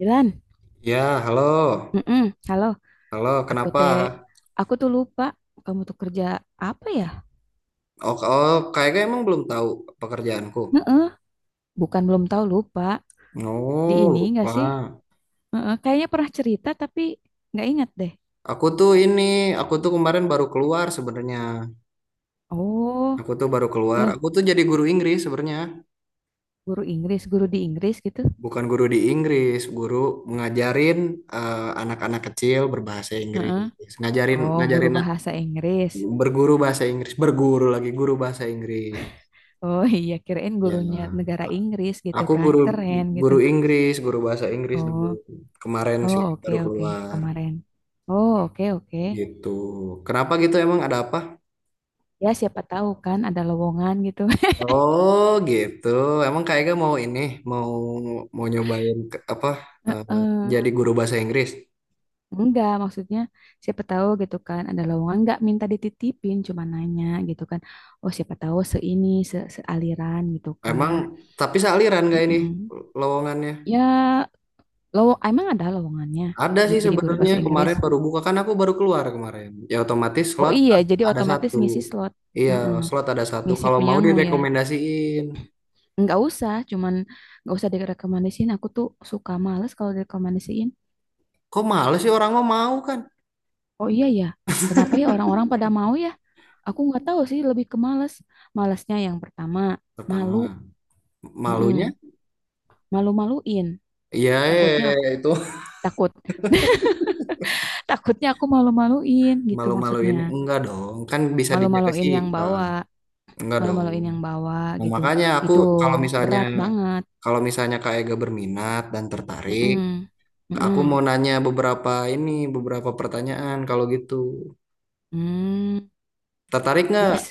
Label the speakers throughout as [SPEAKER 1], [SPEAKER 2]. [SPEAKER 1] Dilan,
[SPEAKER 2] Ya, halo.
[SPEAKER 1] mm halo.
[SPEAKER 2] Halo,
[SPEAKER 1] Aku
[SPEAKER 2] kenapa?
[SPEAKER 1] teh, aku tuh lupa, kamu tuh kerja apa ya?
[SPEAKER 2] Oh, kayaknya emang belum tahu pekerjaanku.
[SPEAKER 1] Heeh, bukan belum tahu, lupa. Di
[SPEAKER 2] Oh,
[SPEAKER 1] ini nggak sih?
[SPEAKER 2] lupa.
[SPEAKER 1] Heeh, kayaknya pernah cerita tapi nggak ingat deh.
[SPEAKER 2] Aku tuh ini, aku tuh kemarin baru keluar sebenarnya.
[SPEAKER 1] Oh,
[SPEAKER 2] Aku tuh baru keluar. Aku
[SPEAKER 1] loh,
[SPEAKER 2] tuh jadi guru Inggris sebenarnya.
[SPEAKER 1] guru Inggris, guru di Inggris gitu.
[SPEAKER 2] Bukan guru di Inggris, guru ngajarin anak-anak kecil berbahasa Inggris.
[SPEAKER 1] Heeh.
[SPEAKER 2] Ngajarin
[SPEAKER 1] Oh, guru
[SPEAKER 2] ngajarin
[SPEAKER 1] bahasa Inggris.
[SPEAKER 2] berguru bahasa Inggris, berguru lagi guru bahasa Inggris.
[SPEAKER 1] Oh, iya, kirain
[SPEAKER 2] Ya.
[SPEAKER 1] gurunya negara Inggris gitu
[SPEAKER 2] Aku
[SPEAKER 1] kan,
[SPEAKER 2] guru
[SPEAKER 1] keren gitu.
[SPEAKER 2] guru Inggris, guru bahasa Inggris dulu.
[SPEAKER 1] Oh,
[SPEAKER 2] Kemarin
[SPEAKER 1] oh,
[SPEAKER 2] sih
[SPEAKER 1] oke
[SPEAKER 2] baru
[SPEAKER 1] oke
[SPEAKER 2] keluar
[SPEAKER 1] kemarin. Oh, oke oke.
[SPEAKER 2] gitu. Kenapa gitu emang ada apa?
[SPEAKER 1] Ya, siapa tahu kan ada lowongan gitu.
[SPEAKER 2] Oh, gitu. Emang kayaknya mau mau nyobain eh,
[SPEAKER 1] Heeh.
[SPEAKER 2] jadi guru bahasa Inggris.
[SPEAKER 1] Enggak, maksudnya siapa tahu gitu kan ada lowongan, enggak minta dititipin, cuma nanya gitu kan. Oh, siapa tahu seini se sealiran gitu
[SPEAKER 2] Emang
[SPEAKER 1] kan.
[SPEAKER 2] tapi sealiran gak ini
[SPEAKER 1] Mm-mm.
[SPEAKER 2] lowongannya?
[SPEAKER 1] Ya, lowong emang ada lowongannya,
[SPEAKER 2] Ada sih
[SPEAKER 1] jadi guru
[SPEAKER 2] sebenarnya
[SPEAKER 1] bahasa Inggris.
[SPEAKER 2] kemarin baru buka kan aku baru keluar kemarin. Ya otomatis
[SPEAKER 1] Oh
[SPEAKER 2] slot
[SPEAKER 1] iya, jadi
[SPEAKER 2] ada
[SPEAKER 1] otomatis
[SPEAKER 2] satu.
[SPEAKER 1] ngisi slot.
[SPEAKER 2] Iya,
[SPEAKER 1] Mm-mm.
[SPEAKER 2] slot ada satu.
[SPEAKER 1] Ngisi
[SPEAKER 2] Kalau mau
[SPEAKER 1] punyamu ya.
[SPEAKER 2] direkomendasiin.
[SPEAKER 1] Enggak usah, cuman enggak usah direkomendasiin. Aku tuh suka males kalau direkomendasiin.
[SPEAKER 2] Kok males sih orang mau mau kan?
[SPEAKER 1] Oh iya ya. Kenapa ya orang-orang pada mau ya? Aku nggak tahu sih, lebih ke males. Malesnya yang pertama, malu.
[SPEAKER 2] Pertama. Malunya?
[SPEAKER 1] Mm-mm. Malu-maluin.
[SPEAKER 2] Iya, iya, iya,
[SPEAKER 1] Takutnya
[SPEAKER 2] iya,
[SPEAKER 1] aku
[SPEAKER 2] iya, itu
[SPEAKER 1] takut. Takutnya aku malu-maluin gitu
[SPEAKER 2] malu-maluin.
[SPEAKER 1] maksudnya.
[SPEAKER 2] Enggak dong, kan bisa dijaga
[SPEAKER 1] Malu-maluin
[SPEAKER 2] sih.
[SPEAKER 1] yang
[SPEAKER 2] Nah,
[SPEAKER 1] bawa,
[SPEAKER 2] enggak dong.
[SPEAKER 1] malu-maluin yang bawa
[SPEAKER 2] Nah,
[SPEAKER 1] gitu.
[SPEAKER 2] makanya aku
[SPEAKER 1] Itu
[SPEAKER 2] kalau misalnya
[SPEAKER 1] berat banget.
[SPEAKER 2] kalau misalnya Kak Ega berminat dan tertarik,
[SPEAKER 1] Mm-mm.
[SPEAKER 2] aku mau
[SPEAKER 1] Mm-mm.
[SPEAKER 2] nanya beberapa pertanyaan kalau gitu.
[SPEAKER 1] Hmm.
[SPEAKER 2] Tertarik
[SPEAKER 1] Dites.
[SPEAKER 2] nggak?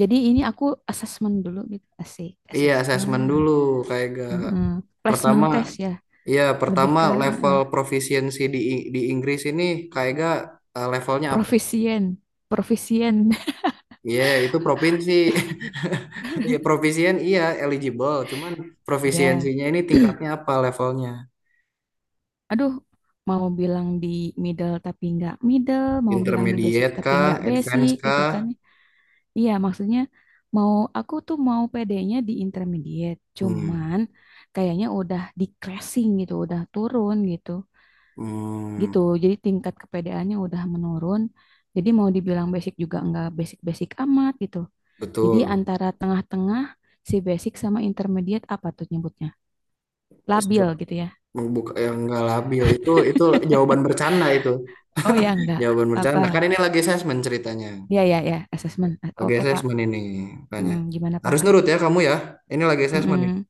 [SPEAKER 1] Jadi ini aku assessment dulu gitu. Asik,
[SPEAKER 2] Iya, assessment
[SPEAKER 1] assessment.
[SPEAKER 2] dulu Kak Ega.
[SPEAKER 1] Mm-mm. Placement
[SPEAKER 2] Pertama,
[SPEAKER 1] test ya.
[SPEAKER 2] iya
[SPEAKER 1] Lebih
[SPEAKER 2] pertama
[SPEAKER 1] ke
[SPEAKER 2] level
[SPEAKER 1] eh,
[SPEAKER 2] proficiency di Inggris ini Kak Ega, levelnya apa?
[SPEAKER 1] profisien. Profisien.
[SPEAKER 2] Iya, itu provinsi. Ya, provisien iya eligible, cuman
[SPEAKER 1] Iya.
[SPEAKER 2] provisiensinya ini tingkatnya apa levelnya?
[SPEAKER 1] Aduh, mau bilang di middle tapi nggak middle, mau bilang di basic
[SPEAKER 2] Intermediate
[SPEAKER 1] tapi
[SPEAKER 2] kah,
[SPEAKER 1] nggak
[SPEAKER 2] advance
[SPEAKER 1] basic gitu kan.
[SPEAKER 2] kah?
[SPEAKER 1] Iya, maksudnya mau aku tuh mau PD-nya di intermediate,
[SPEAKER 2] Hmm.
[SPEAKER 1] cuman kayaknya udah decreasing gitu, udah turun gitu.
[SPEAKER 2] Hmm,
[SPEAKER 1] Gitu. Jadi tingkat kepedeannya udah menurun. Jadi mau dibilang basic juga nggak basic-basic amat gitu. Jadi
[SPEAKER 2] betul.
[SPEAKER 1] antara tengah-tengah, si basic sama intermediate, apa tuh nyebutnya? Labil
[SPEAKER 2] Sebut
[SPEAKER 1] gitu ya.
[SPEAKER 2] buka yang nggak labil itu jawaban bercanda itu.
[SPEAKER 1] Oh ya, enggak.
[SPEAKER 2] Jawaban bercanda. Kan
[SPEAKER 1] Apa?
[SPEAKER 2] ini lagi assessment ceritanya.
[SPEAKER 1] Ya, ya, ya, assessment.
[SPEAKER 2] Lagi
[SPEAKER 1] Oke, Pak.
[SPEAKER 2] assessment ini
[SPEAKER 1] Hmm,
[SPEAKER 2] banyak.
[SPEAKER 1] gimana Pak?
[SPEAKER 2] Harus nurut ya kamu ya. Ini lagi assessment nih.
[SPEAKER 1] Hmm,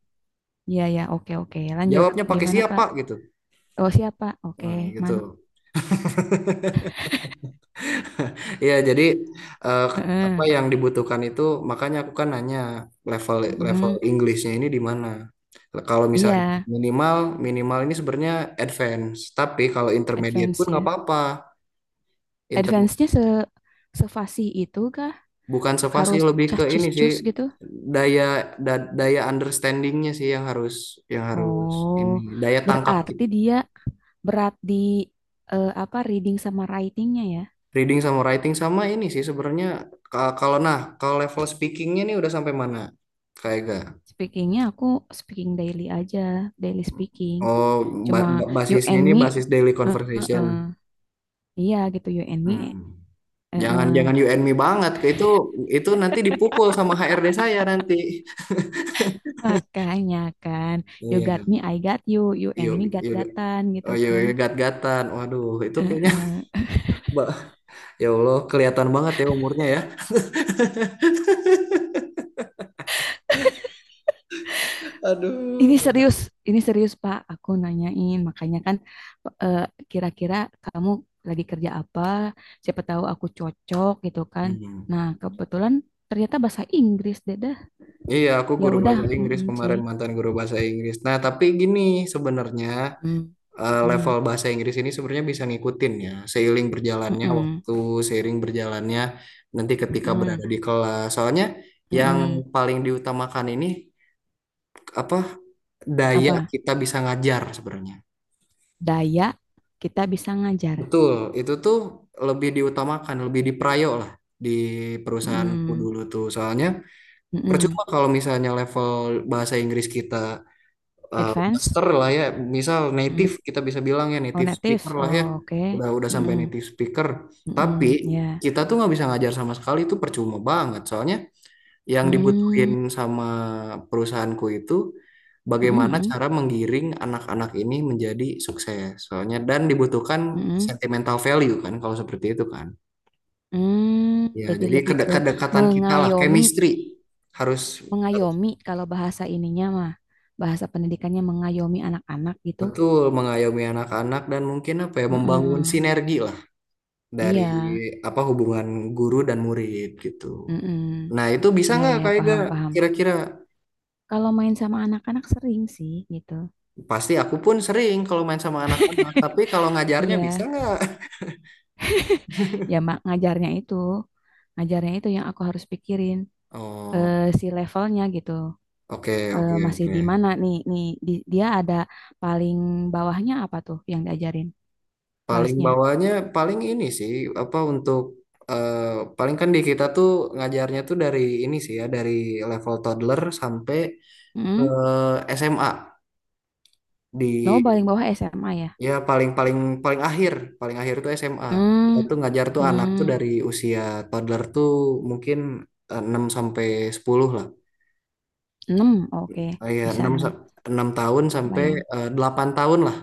[SPEAKER 1] ya ya, oke oke. Lanjut.
[SPEAKER 2] Jawabnya pakai
[SPEAKER 1] Gimana Pak?
[SPEAKER 2] siapa gitu.
[SPEAKER 1] Oh siapa? Oke,
[SPEAKER 2] Hmm, gitu.
[SPEAKER 1] man.
[SPEAKER 2] Iya, jadi eh, apa
[SPEAKER 1] Heeh.
[SPEAKER 2] yang dibutuhkan itu makanya aku kan nanya level level
[SPEAKER 1] Mm,
[SPEAKER 2] Inggrisnya ini di mana. Kalau
[SPEAKER 1] iya,
[SPEAKER 2] misalnya minimal minimal ini sebenarnya advance, tapi kalau intermediate pun
[SPEAKER 1] advance
[SPEAKER 2] nggak
[SPEAKER 1] ya.
[SPEAKER 2] apa-apa. Inter
[SPEAKER 1] Advance-nya sefasih itu kah?
[SPEAKER 2] bukan sevasi,
[SPEAKER 1] Harus
[SPEAKER 2] lebih ke ini sih,
[SPEAKER 1] cacis-cus gitu?
[SPEAKER 2] daya daya understandingnya sih yang harus, yang harus
[SPEAKER 1] Oh,
[SPEAKER 2] ini daya tangkap
[SPEAKER 1] berarti dia berat di apa, reading sama writing-nya ya.
[SPEAKER 2] reading sama writing sama ini sih sebenarnya. Nah, kalau level speakingnya ini udah sampai mana? Kayak Ega?
[SPEAKER 1] Speaking-nya aku speaking daily aja, daily speaking.
[SPEAKER 2] Oh,
[SPEAKER 1] Cuma you
[SPEAKER 2] basisnya
[SPEAKER 1] and
[SPEAKER 2] ini
[SPEAKER 1] me,
[SPEAKER 2] basis daily
[SPEAKER 1] eh, eh,
[SPEAKER 2] conversation.
[SPEAKER 1] eh. Iya gitu you and me.
[SPEAKER 2] Hmm.
[SPEAKER 1] eh, eh.
[SPEAKER 2] Jangan jangan you and me banget, ke itu nanti dipukul sama HRD saya nanti.
[SPEAKER 1] Makanya kan, you got
[SPEAKER 2] Iya,
[SPEAKER 1] me, I got you, you
[SPEAKER 2] you
[SPEAKER 1] and me
[SPEAKER 2] you
[SPEAKER 1] gat-gatan gitu
[SPEAKER 2] oh you,
[SPEAKER 1] kan.
[SPEAKER 2] you gat-gatan. Waduh, itu
[SPEAKER 1] Eh,
[SPEAKER 2] kayaknya
[SPEAKER 1] eh.
[SPEAKER 2] Mbak, ya Allah kelihatan banget ya umurnya ya. Aduh.
[SPEAKER 1] Ini serius, ini serius Pak, aku nanyain. Makanya kan eh, kira-kira kamu lagi kerja apa, siapa tahu aku cocok gitu kan.
[SPEAKER 2] Hmm.
[SPEAKER 1] Nah, kebetulan ternyata bahasa Inggris deh dah.
[SPEAKER 2] Iya, aku
[SPEAKER 1] Ya
[SPEAKER 2] guru
[SPEAKER 1] udah,
[SPEAKER 2] bahasa Inggris
[SPEAKER 1] mm-mm sih.
[SPEAKER 2] kemarin, mantan guru bahasa Inggris. Nah, tapi gini sebenarnya,
[SPEAKER 1] Mm,
[SPEAKER 2] level
[SPEAKER 1] mm,
[SPEAKER 2] bahasa Inggris ini sebenarnya bisa ngikutin ya, seiring berjalannya
[SPEAKER 1] mm-mm,
[SPEAKER 2] waktu, seiring berjalannya nanti ketika
[SPEAKER 1] mm-mm,
[SPEAKER 2] berada di kelas. Soalnya yang
[SPEAKER 1] mm-mm.
[SPEAKER 2] paling diutamakan ini apa, daya
[SPEAKER 1] Apa?
[SPEAKER 2] kita bisa ngajar sebenarnya.
[SPEAKER 1] Daya kita bisa ngajar.
[SPEAKER 2] Betul, itu tuh lebih diutamakan, lebih diprayo lah di perusahaanku
[SPEAKER 1] Mm,
[SPEAKER 2] dulu tuh. Soalnya
[SPEAKER 1] mm-mm.
[SPEAKER 2] percuma kalau misalnya level bahasa Inggris kita,
[SPEAKER 1] Advance?
[SPEAKER 2] master lah ya, misal
[SPEAKER 1] Mm.
[SPEAKER 2] native, kita bisa bilang ya
[SPEAKER 1] Oh,
[SPEAKER 2] native speaker
[SPEAKER 1] native.
[SPEAKER 2] lah ya,
[SPEAKER 1] Oh, oke.
[SPEAKER 2] udah sampai
[SPEAKER 1] Mm-mm,
[SPEAKER 2] native speaker. Tapi
[SPEAKER 1] mm-mm, ya.
[SPEAKER 2] kita tuh nggak bisa ngajar sama sekali, itu percuma banget. Soalnya yang dibutuhin
[SPEAKER 1] Hmm,
[SPEAKER 2] sama perusahaanku itu bagaimana
[SPEAKER 1] mm-mm,
[SPEAKER 2] cara menggiring anak-anak ini menjadi sukses. Soalnya dan dibutuhkan
[SPEAKER 1] mm-mm.
[SPEAKER 2] sentimental value kan kalau seperti itu kan.
[SPEAKER 1] mm
[SPEAKER 2] Ya,
[SPEAKER 1] Jadi
[SPEAKER 2] jadi
[SPEAKER 1] lebih ke
[SPEAKER 2] kedekatan kita lah,
[SPEAKER 1] mengayomi,
[SPEAKER 2] chemistry harus, harus
[SPEAKER 1] mengayomi kalau bahasa ininya mah, bahasa pendidikannya mengayomi anak-anak gitu.
[SPEAKER 2] betul mengayomi anak-anak dan mungkin apa ya membangun
[SPEAKER 1] Mm-mm,
[SPEAKER 2] sinergi lah, dari
[SPEAKER 1] iya,
[SPEAKER 2] apa hubungan guru dan murid gitu.
[SPEAKER 1] mm-mm,
[SPEAKER 2] Nah, itu bisa
[SPEAKER 1] iya,
[SPEAKER 2] nggak
[SPEAKER 1] iya,
[SPEAKER 2] kayak
[SPEAKER 1] paham,
[SPEAKER 2] gak
[SPEAKER 1] paham.
[SPEAKER 2] kira-kira?
[SPEAKER 1] Kalau main sama anak-anak sering sih gitu.
[SPEAKER 2] Pasti aku pun sering kalau main sama anak-anak, tapi kalau ngajarnya bisa
[SPEAKER 1] Iya,
[SPEAKER 2] nggak?
[SPEAKER 1] ya mak ngajarnya itu yang aku harus pikirin
[SPEAKER 2] Oh,
[SPEAKER 1] si levelnya gitu.
[SPEAKER 2] oke, oke,
[SPEAKER 1] Masih
[SPEAKER 2] oke.
[SPEAKER 1] di mana nih, dia ada paling bawahnya apa tuh yang diajarin
[SPEAKER 2] Paling
[SPEAKER 1] kelasnya?
[SPEAKER 2] bawahnya paling ini sih, apa, untuk, eh, paling kan di kita tuh ngajarnya tuh dari ini sih ya, dari level toddler sampai ke
[SPEAKER 1] Hmm?
[SPEAKER 2] SMA
[SPEAKER 1] No,
[SPEAKER 2] di
[SPEAKER 1] paling bawah SMA ya.
[SPEAKER 2] Ya paling paling paling akhir, paling akhir tuh SMA. Kita
[SPEAKER 1] Hmm,
[SPEAKER 2] tuh ngajar tuh anak tuh
[SPEAKER 1] hmm.
[SPEAKER 2] dari usia toddler tuh mungkin, 6 sampai 10 lah.
[SPEAKER 1] 6, oke,
[SPEAKER 2] Ya
[SPEAKER 1] bisa enam.
[SPEAKER 2] 6 tahun sampai,
[SPEAKER 1] Bayang.
[SPEAKER 2] 8 tahun lah.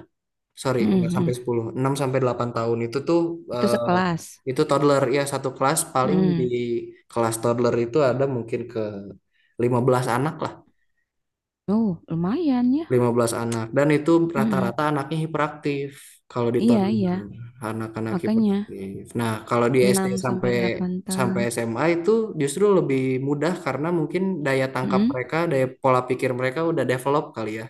[SPEAKER 2] Sorry, nggak
[SPEAKER 1] Hmm, hmm.
[SPEAKER 2] sampai sepuluh, 6 sampai 8 tahun itu tuh,
[SPEAKER 1] Itu
[SPEAKER 2] eh,
[SPEAKER 1] sekelas.
[SPEAKER 2] itu toddler ya, satu kelas paling di
[SPEAKER 1] Hmm.
[SPEAKER 2] kelas toddler itu ada mungkin ke 15 anak lah.
[SPEAKER 1] Oh lumayan ya.
[SPEAKER 2] Lima belas anak dan itu
[SPEAKER 1] Hmm.
[SPEAKER 2] rata-rata anaknya hiperaktif, kalau di
[SPEAKER 1] Iya,
[SPEAKER 2] tahun
[SPEAKER 1] iya,
[SPEAKER 2] anak-anak
[SPEAKER 1] makanya
[SPEAKER 2] hiperaktif. Nah, kalau di SD
[SPEAKER 1] enam sampai
[SPEAKER 2] sampai
[SPEAKER 1] delapan tahun
[SPEAKER 2] sampai SMA itu justru lebih mudah karena mungkin daya tangkap
[SPEAKER 1] Hmm.
[SPEAKER 2] mereka, daya pola pikir mereka udah develop kali ya.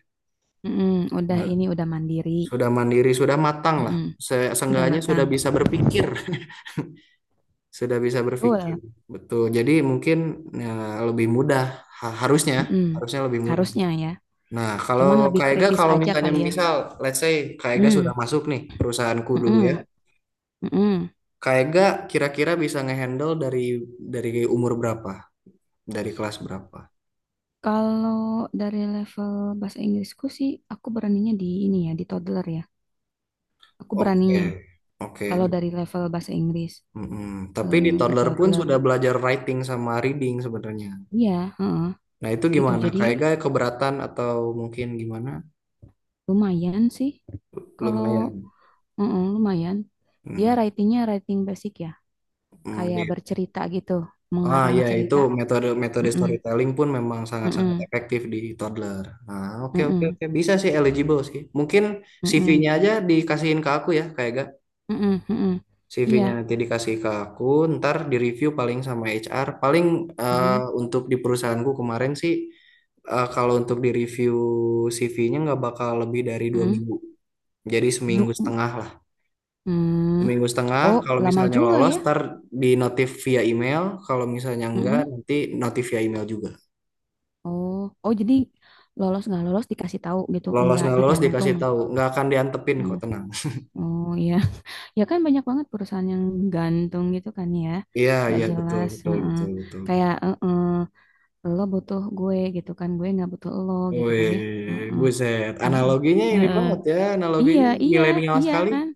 [SPEAKER 1] Hmm. Udah
[SPEAKER 2] Nah,
[SPEAKER 1] ini, udah mandiri.
[SPEAKER 2] sudah mandiri, sudah matang lah.
[SPEAKER 1] Hmm. Udah
[SPEAKER 2] Seenggaknya sudah
[SPEAKER 1] matang.
[SPEAKER 2] bisa berpikir, sudah bisa berpikir.
[SPEAKER 1] Betul.
[SPEAKER 2] Betul. Jadi mungkin ya, lebih mudah, harusnya,
[SPEAKER 1] Hmm. Hmm.
[SPEAKER 2] harusnya lebih mudah.
[SPEAKER 1] Harusnya ya.
[SPEAKER 2] Nah, kalau
[SPEAKER 1] Cuman lebih
[SPEAKER 2] Kak Ega,
[SPEAKER 1] kritis
[SPEAKER 2] kalau
[SPEAKER 1] aja
[SPEAKER 2] misalnya
[SPEAKER 1] kali ya.
[SPEAKER 2] misal, let's say Kak Ega sudah
[SPEAKER 1] Hmm,
[SPEAKER 2] masuk nih perusahaanku dulu ya.
[SPEAKER 1] mm-mm, mm-mm.
[SPEAKER 2] Kak Ega kira-kira bisa ngehandle dari, dari umur berapa? Dari kelas berapa?
[SPEAKER 1] Kalau dari level bahasa Inggrisku sih, aku beraninya di ini ya, di toddler ya. Aku beraninya.
[SPEAKER 2] Oke, oke.
[SPEAKER 1] Kalau dari level bahasa Inggris,
[SPEAKER 2] Mm-mm. Tapi di
[SPEAKER 1] di
[SPEAKER 2] toddler pun
[SPEAKER 1] toddler.
[SPEAKER 2] sudah belajar writing sama reading sebenarnya.
[SPEAKER 1] Iya, heeh,
[SPEAKER 2] Nah, itu
[SPEAKER 1] gitu.
[SPEAKER 2] gimana?
[SPEAKER 1] Jadi
[SPEAKER 2] Kak Ega keberatan atau mungkin gimana?
[SPEAKER 1] lumayan sih. Kalau
[SPEAKER 2] Lumayan.
[SPEAKER 1] heeh, lumayan. Dia
[SPEAKER 2] Mm,
[SPEAKER 1] writingnya writing basic ya.
[SPEAKER 2] mm, di
[SPEAKER 1] Kayak bercerita gitu.
[SPEAKER 2] Ah
[SPEAKER 1] Mengarang
[SPEAKER 2] ya, itu
[SPEAKER 1] cerita.
[SPEAKER 2] metode,
[SPEAKER 1] Mm-mm,
[SPEAKER 2] storytelling pun memang sangat-sangat
[SPEAKER 1] mm-mm,
[SPEAKER 2] efektif di toddler. Ah, oke, oke,
[SPEAKER 1] mm-mm,
[SPEAKER 2] oke, bisa sih, eligible sih. Mungkin
[SPEAKER 1] mm-mm,
[SPEAKER 2] CV-nya aja dikasihin ke aku ya kayak gak,
[SPEAKER 1] mm-mm, mm-mm. Iya.
[SPEAKER 2] CV-nya nanti dikasih ke aku, ntar di review paling sama HR. Paling, eh,
[SPEAKER 1] Mm-mm,
[SPEAKER 2] untuk di perusahaanku kemarin sih, kalau untuk di review CV-nya nggak bakal lebih dari dua
[SPEAKER 1] mm-mm.
[SPEAKER 2] minggu. Jadi seminggu
[SPEAKER 1] Du-
[SPEAKER 2] setengah lah.
[SPEAKER 1] Hmm.
[SPEAKER 2] Seminggu setengah
[SPEAKER 1] Oh,
[SPEAKER 2] kalau
[SPEAKER 1] lama
[SPEAKER 2] misalnya
[SPEAKER 1] juga
[SPEAKER 2] lolos
[SPEAKER 1] ya.
[SPEAKER 2] ntar di notif via email. Kalau misalnya enggak
[SPEAKER 1] Mm-mm.
[SPEAKER 2] nanti notif via email juga.
[SPEAKER 1] Oh, oh, jadi lolos nggak lolos dikasih tahu gitu,
[SPEAKER 2] Lolos
[SPEAKER 1] nggak
[SPEAKER 2] nggak lolos dikasih
[SPEAKER 1] digantung.
[SPEAKER 2] tahu, nggak akan diantepin
[SPEAKER 1] Mm.
[SPEAKER 2] kok, tenang.
[SPEAKER 1] Oh iya, ya kan banyak banget perusahaan yang gantung gitu kan ya,
[SPEAKER 2] Iya,
[SPEAKER 1] nggak
[SPEAKER 2] iya, betul,
[SPEAKER 1] jelas.
[SPEAKER 2] betul,
[SPEAKER 1] Heeh.
[SPEAKER 2] betul, betul.
[SPEAKER 1] Kayak heeh, lo butuh gue gitu kan, gue nggak butuh lo gitu kan ya.
[SPEAKER 2] Wih,
[SPEAKER 1] Heeh.
[SPEAKER 2] buset.
[SPEAKER 1] Heeh.
[SPEAKER 2] Analoginya ini
[SPEAKER 1] Heeh.
[SPEAKER 2] banget ya,
[SPEAKER 1] Iya,
[SPEAKER 2] analoginya
[SPEAKER 1] iya,
[SPEAKER 2] milenial
[SPEAKER 1] iya
[SPEAKER 2] sekali.
[SPEAKER 1] kan.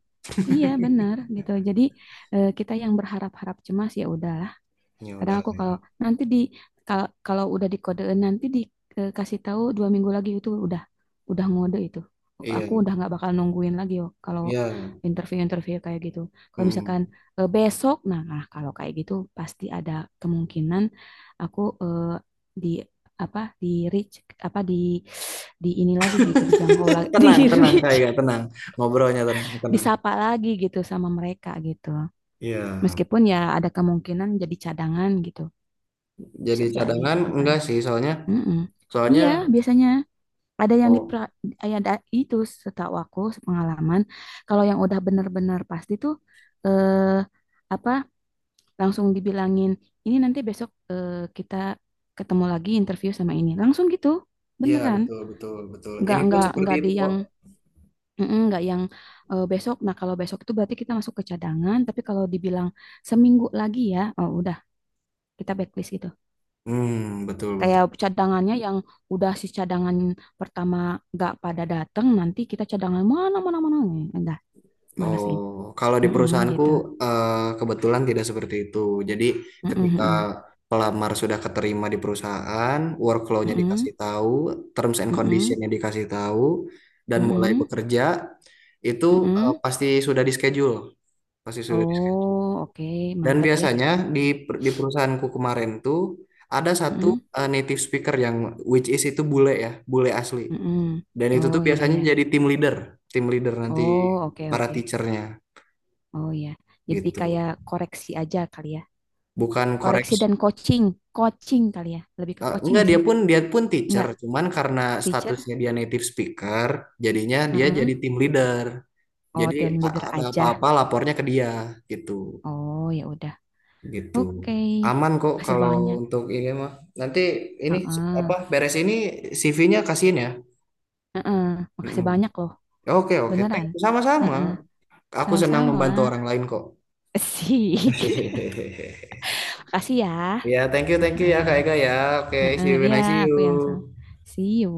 [SPEAKER 1] Iya benar gitu. Jadi kita yang berharap-harap cemas ya udah.
[SPEAKER 2] Ya udah
[SPEAKER 1] Kadang aku
[SPEAKER 2] kayak.
[SPEAKER 1] kalau nanti di kalau udah dikodein nanti dikasih tahu 2 minggu lagi itu udah, ngode itu, aku
[SPEAKER 2] Iya,
[SPEAKER 1] udah nggak bakal nungguin lagi yo. Kalau
[SPEAKER 2] iya.
[SPEAKER 1] interview-interview kayak gitu, kalau
[SPEAKER 2] Mm-mm.
[SPEAKER 1] misalkan besok, nah, nah, kalau kayak gitu pasti ada kemungkinan aku di apa, di reach, apa di ini lagi gitu, dijangkau lagi, di
[SPEAKER 2] Tenang, tenang,
[SPEAKER 1] reach,
[SPEAKER 2] kayak tenang. Ngobrolnya tenang, tenang.
[SPEAKER 1] disapa lagi gitu sama mereka gitu,
[SPEAKER 2] Iya.
[SPEAKER 1] meskipun ya ada kemungkinan jadi cadangan gitu,
[SPEAKER 2] Jadi
[SPEAKER 1] bisa jadi
[SPEAKER 2] cadangan
[SPEAKER 1] gitu kan.
[SPEAKER 2] enggak sih, soalnya,
[SPEAKER 1] Mm-mm.
[SPEAKER 2] soalnya
[SPEAKER 1] Iya, biasanya ada yang di,
[SPEAKER 2] oh
[SPEAKER 1] ada itu, setahu aku pengalaman. Kalau yang udah bener-bener pasti tuh eh, apa langsung dibilangin, ini nanti besok kita ketemu lagi interview sama ini. Langsung gitu.
[SPEAKER 2] iya,
[SPEAKER 1] Beneran.
[SPEAKER 2] betul, betul, betul. Ini pun seperti
[SPEAKER 1] Nggak
[SPEAKER 2] itu
[SPEAKER 1] di
[SPEAKER 2] kok.
[SPEAKER 1] yang, mm-mm, nggak yang besok. Nah, kalau besok itu berarti kita masuk ke cadangan, tapi kalau dibilang 1 minggu lagi ya, oh udah kita backlist gitu.
[SPEAKER 2] Hmm, betul,
[SPEAKER 1] Kayak
[SPEAKER 2] betul.
[SPEAKER 1] cadangannya yang udah si cadangan pertama nggak pada datang, nanti kita cadangan mana mana mana nih, udah balesin.
[SPEAKER 2] Oh, kalau di
[SPEAKER 1] Mm-mm,
[SPEAKER 2] perusahaanku,
[SPEAKER 1] gitu.
[SPEAKER 2] eh, kebetulan tidak seperti itu. Jadi
[SPEAKER 1] Mm-mm,
[SPEAKER 2] ketika
[SPEAKER 1] mm-mm,
[SPEAKER 2] pelamar sudah keterima di perusahaan, workflow-nya
[SPEAKER 1] mm-mm,
[SPEAKER 2] dikasih tahu, terms and
[SPEAKER 1] mm-mm,
[SPEAKER 2] condition-nya dikasih tahu, dan mulai
[SPEAKER 1] mm-mm,
[SPEAKER 2] bekerja itu,
[SPEAKER 1] mm-mm.
[SPEAKER 2] pasti sudah di schedule, pasti sudah di schedule.
[SPEAKER 1] Oh, oke,
[SPEAKER 2] Dan
[SPEAKER 1] mantap ya.
[SPEAKER 2] biasanya di perusahaanku kemarin tuh ada satu,
[SPEAKER 1] Mm-mm,
[SPEAKER 2] native speaker yang, which is, itu bule ya, bule asli.
[SPEAKER 1] mm-mm.
[SPEAKER 2] Dan itu tuh
[SPEAKER 1] Oh iya
[SPEAKER 2] biasanya
[SPEAKER 1] ya.
[SPEAKER 2] jadi team leader nanti
[SPEAKER 1] Oh oke
[SPEAKER 2] para
[SPEAKER 1] oke.
[SPEAKER 2] teachernya
[SPEAKER 1] Oh iya. Jadi
[SPEAKER 2] gitu.
[SPEAKER 1] kayak koreksi aja kali ya.
[SPEAKER 2] Bukan
[SPEAKER 1] Koreksi
[SPEAKER 2] koreksi.
[SPEAKER 1] dan coaching, coaching kali ya. Lebih ke
[SPEAKER 2] Eh,
[SPEAKER 1] coaching
[SPEAKER 2] enggak,
[SPEAKER 1] nggak
[SPEAKER 2] dia
[SPEAKER 1] sih?
[SPEAKER 2] pun dia pun teacher
[SPEAKER 1] Nggak,
[SPEAKER 2] cuman karena
[SPEAKER 1] teacher.
[SPEAKER 2] statusnya dia native speaker jadinya dia
[SPEAKER 1] Mm-mm.
[SPEAKER 2] jadi team leader,
[SPEAKER 1] Oh,
[SPEAKER 2] jadi
[SPEAKER 1] team leader
[SPEAKER 2] ada
[SPEAKER 1] aja.
[SPEAKER 2] apa-apa lapornya ke dia, gitu,
[SPEAKER 1] Oh, ya udah.
[SPEAKER 2] gitu,
[SPEAKER 1] Oke,
[SPEAKER 2] aman kok
[SPEAKER 1] makasih
[SPEAKER 2] kalau
[SPEAKER 1] banyak.
[SPEAKER 2] untuk ini mah. Nanti ini
[SPEAKER 1] Heeh.
[SPEAKER 2] apa, beres ini CV-nya kasihin ya.
[SPEAKER 1] Heeh. Makasih
[SPEAKER 2] Mm-mm.
[SPEAKER 1] banyak loh.
[SPEAKER 2] Oke, oke, thank
[SPEAKER 1] Beneran.
[SPEAKER 2] you, sama-sama,
[SPEAKER 1] Heeh.
[SPEAKER 2] aku senang
[SPEAKER 1] Sama-sama.
[SPEAKER 2] membantu orang lain kok.
[SPEAKER 1] Sik. Makasih ya.
[SPEAKER 2] Ya, thank you,
[SPEAKER 1] Heeh.
[SPEAKER 2] ya Kak Ega ya. Oke, see
[SPEAKER 1] Heeh.
[SPEAKER 2] you when
[SPEAKER 1] Ya,
[SPEAKER 2] I see
[SPEAKER 1] aku yang sama.
[SPEAKER 2] you.
[SPEAKER 1] See you.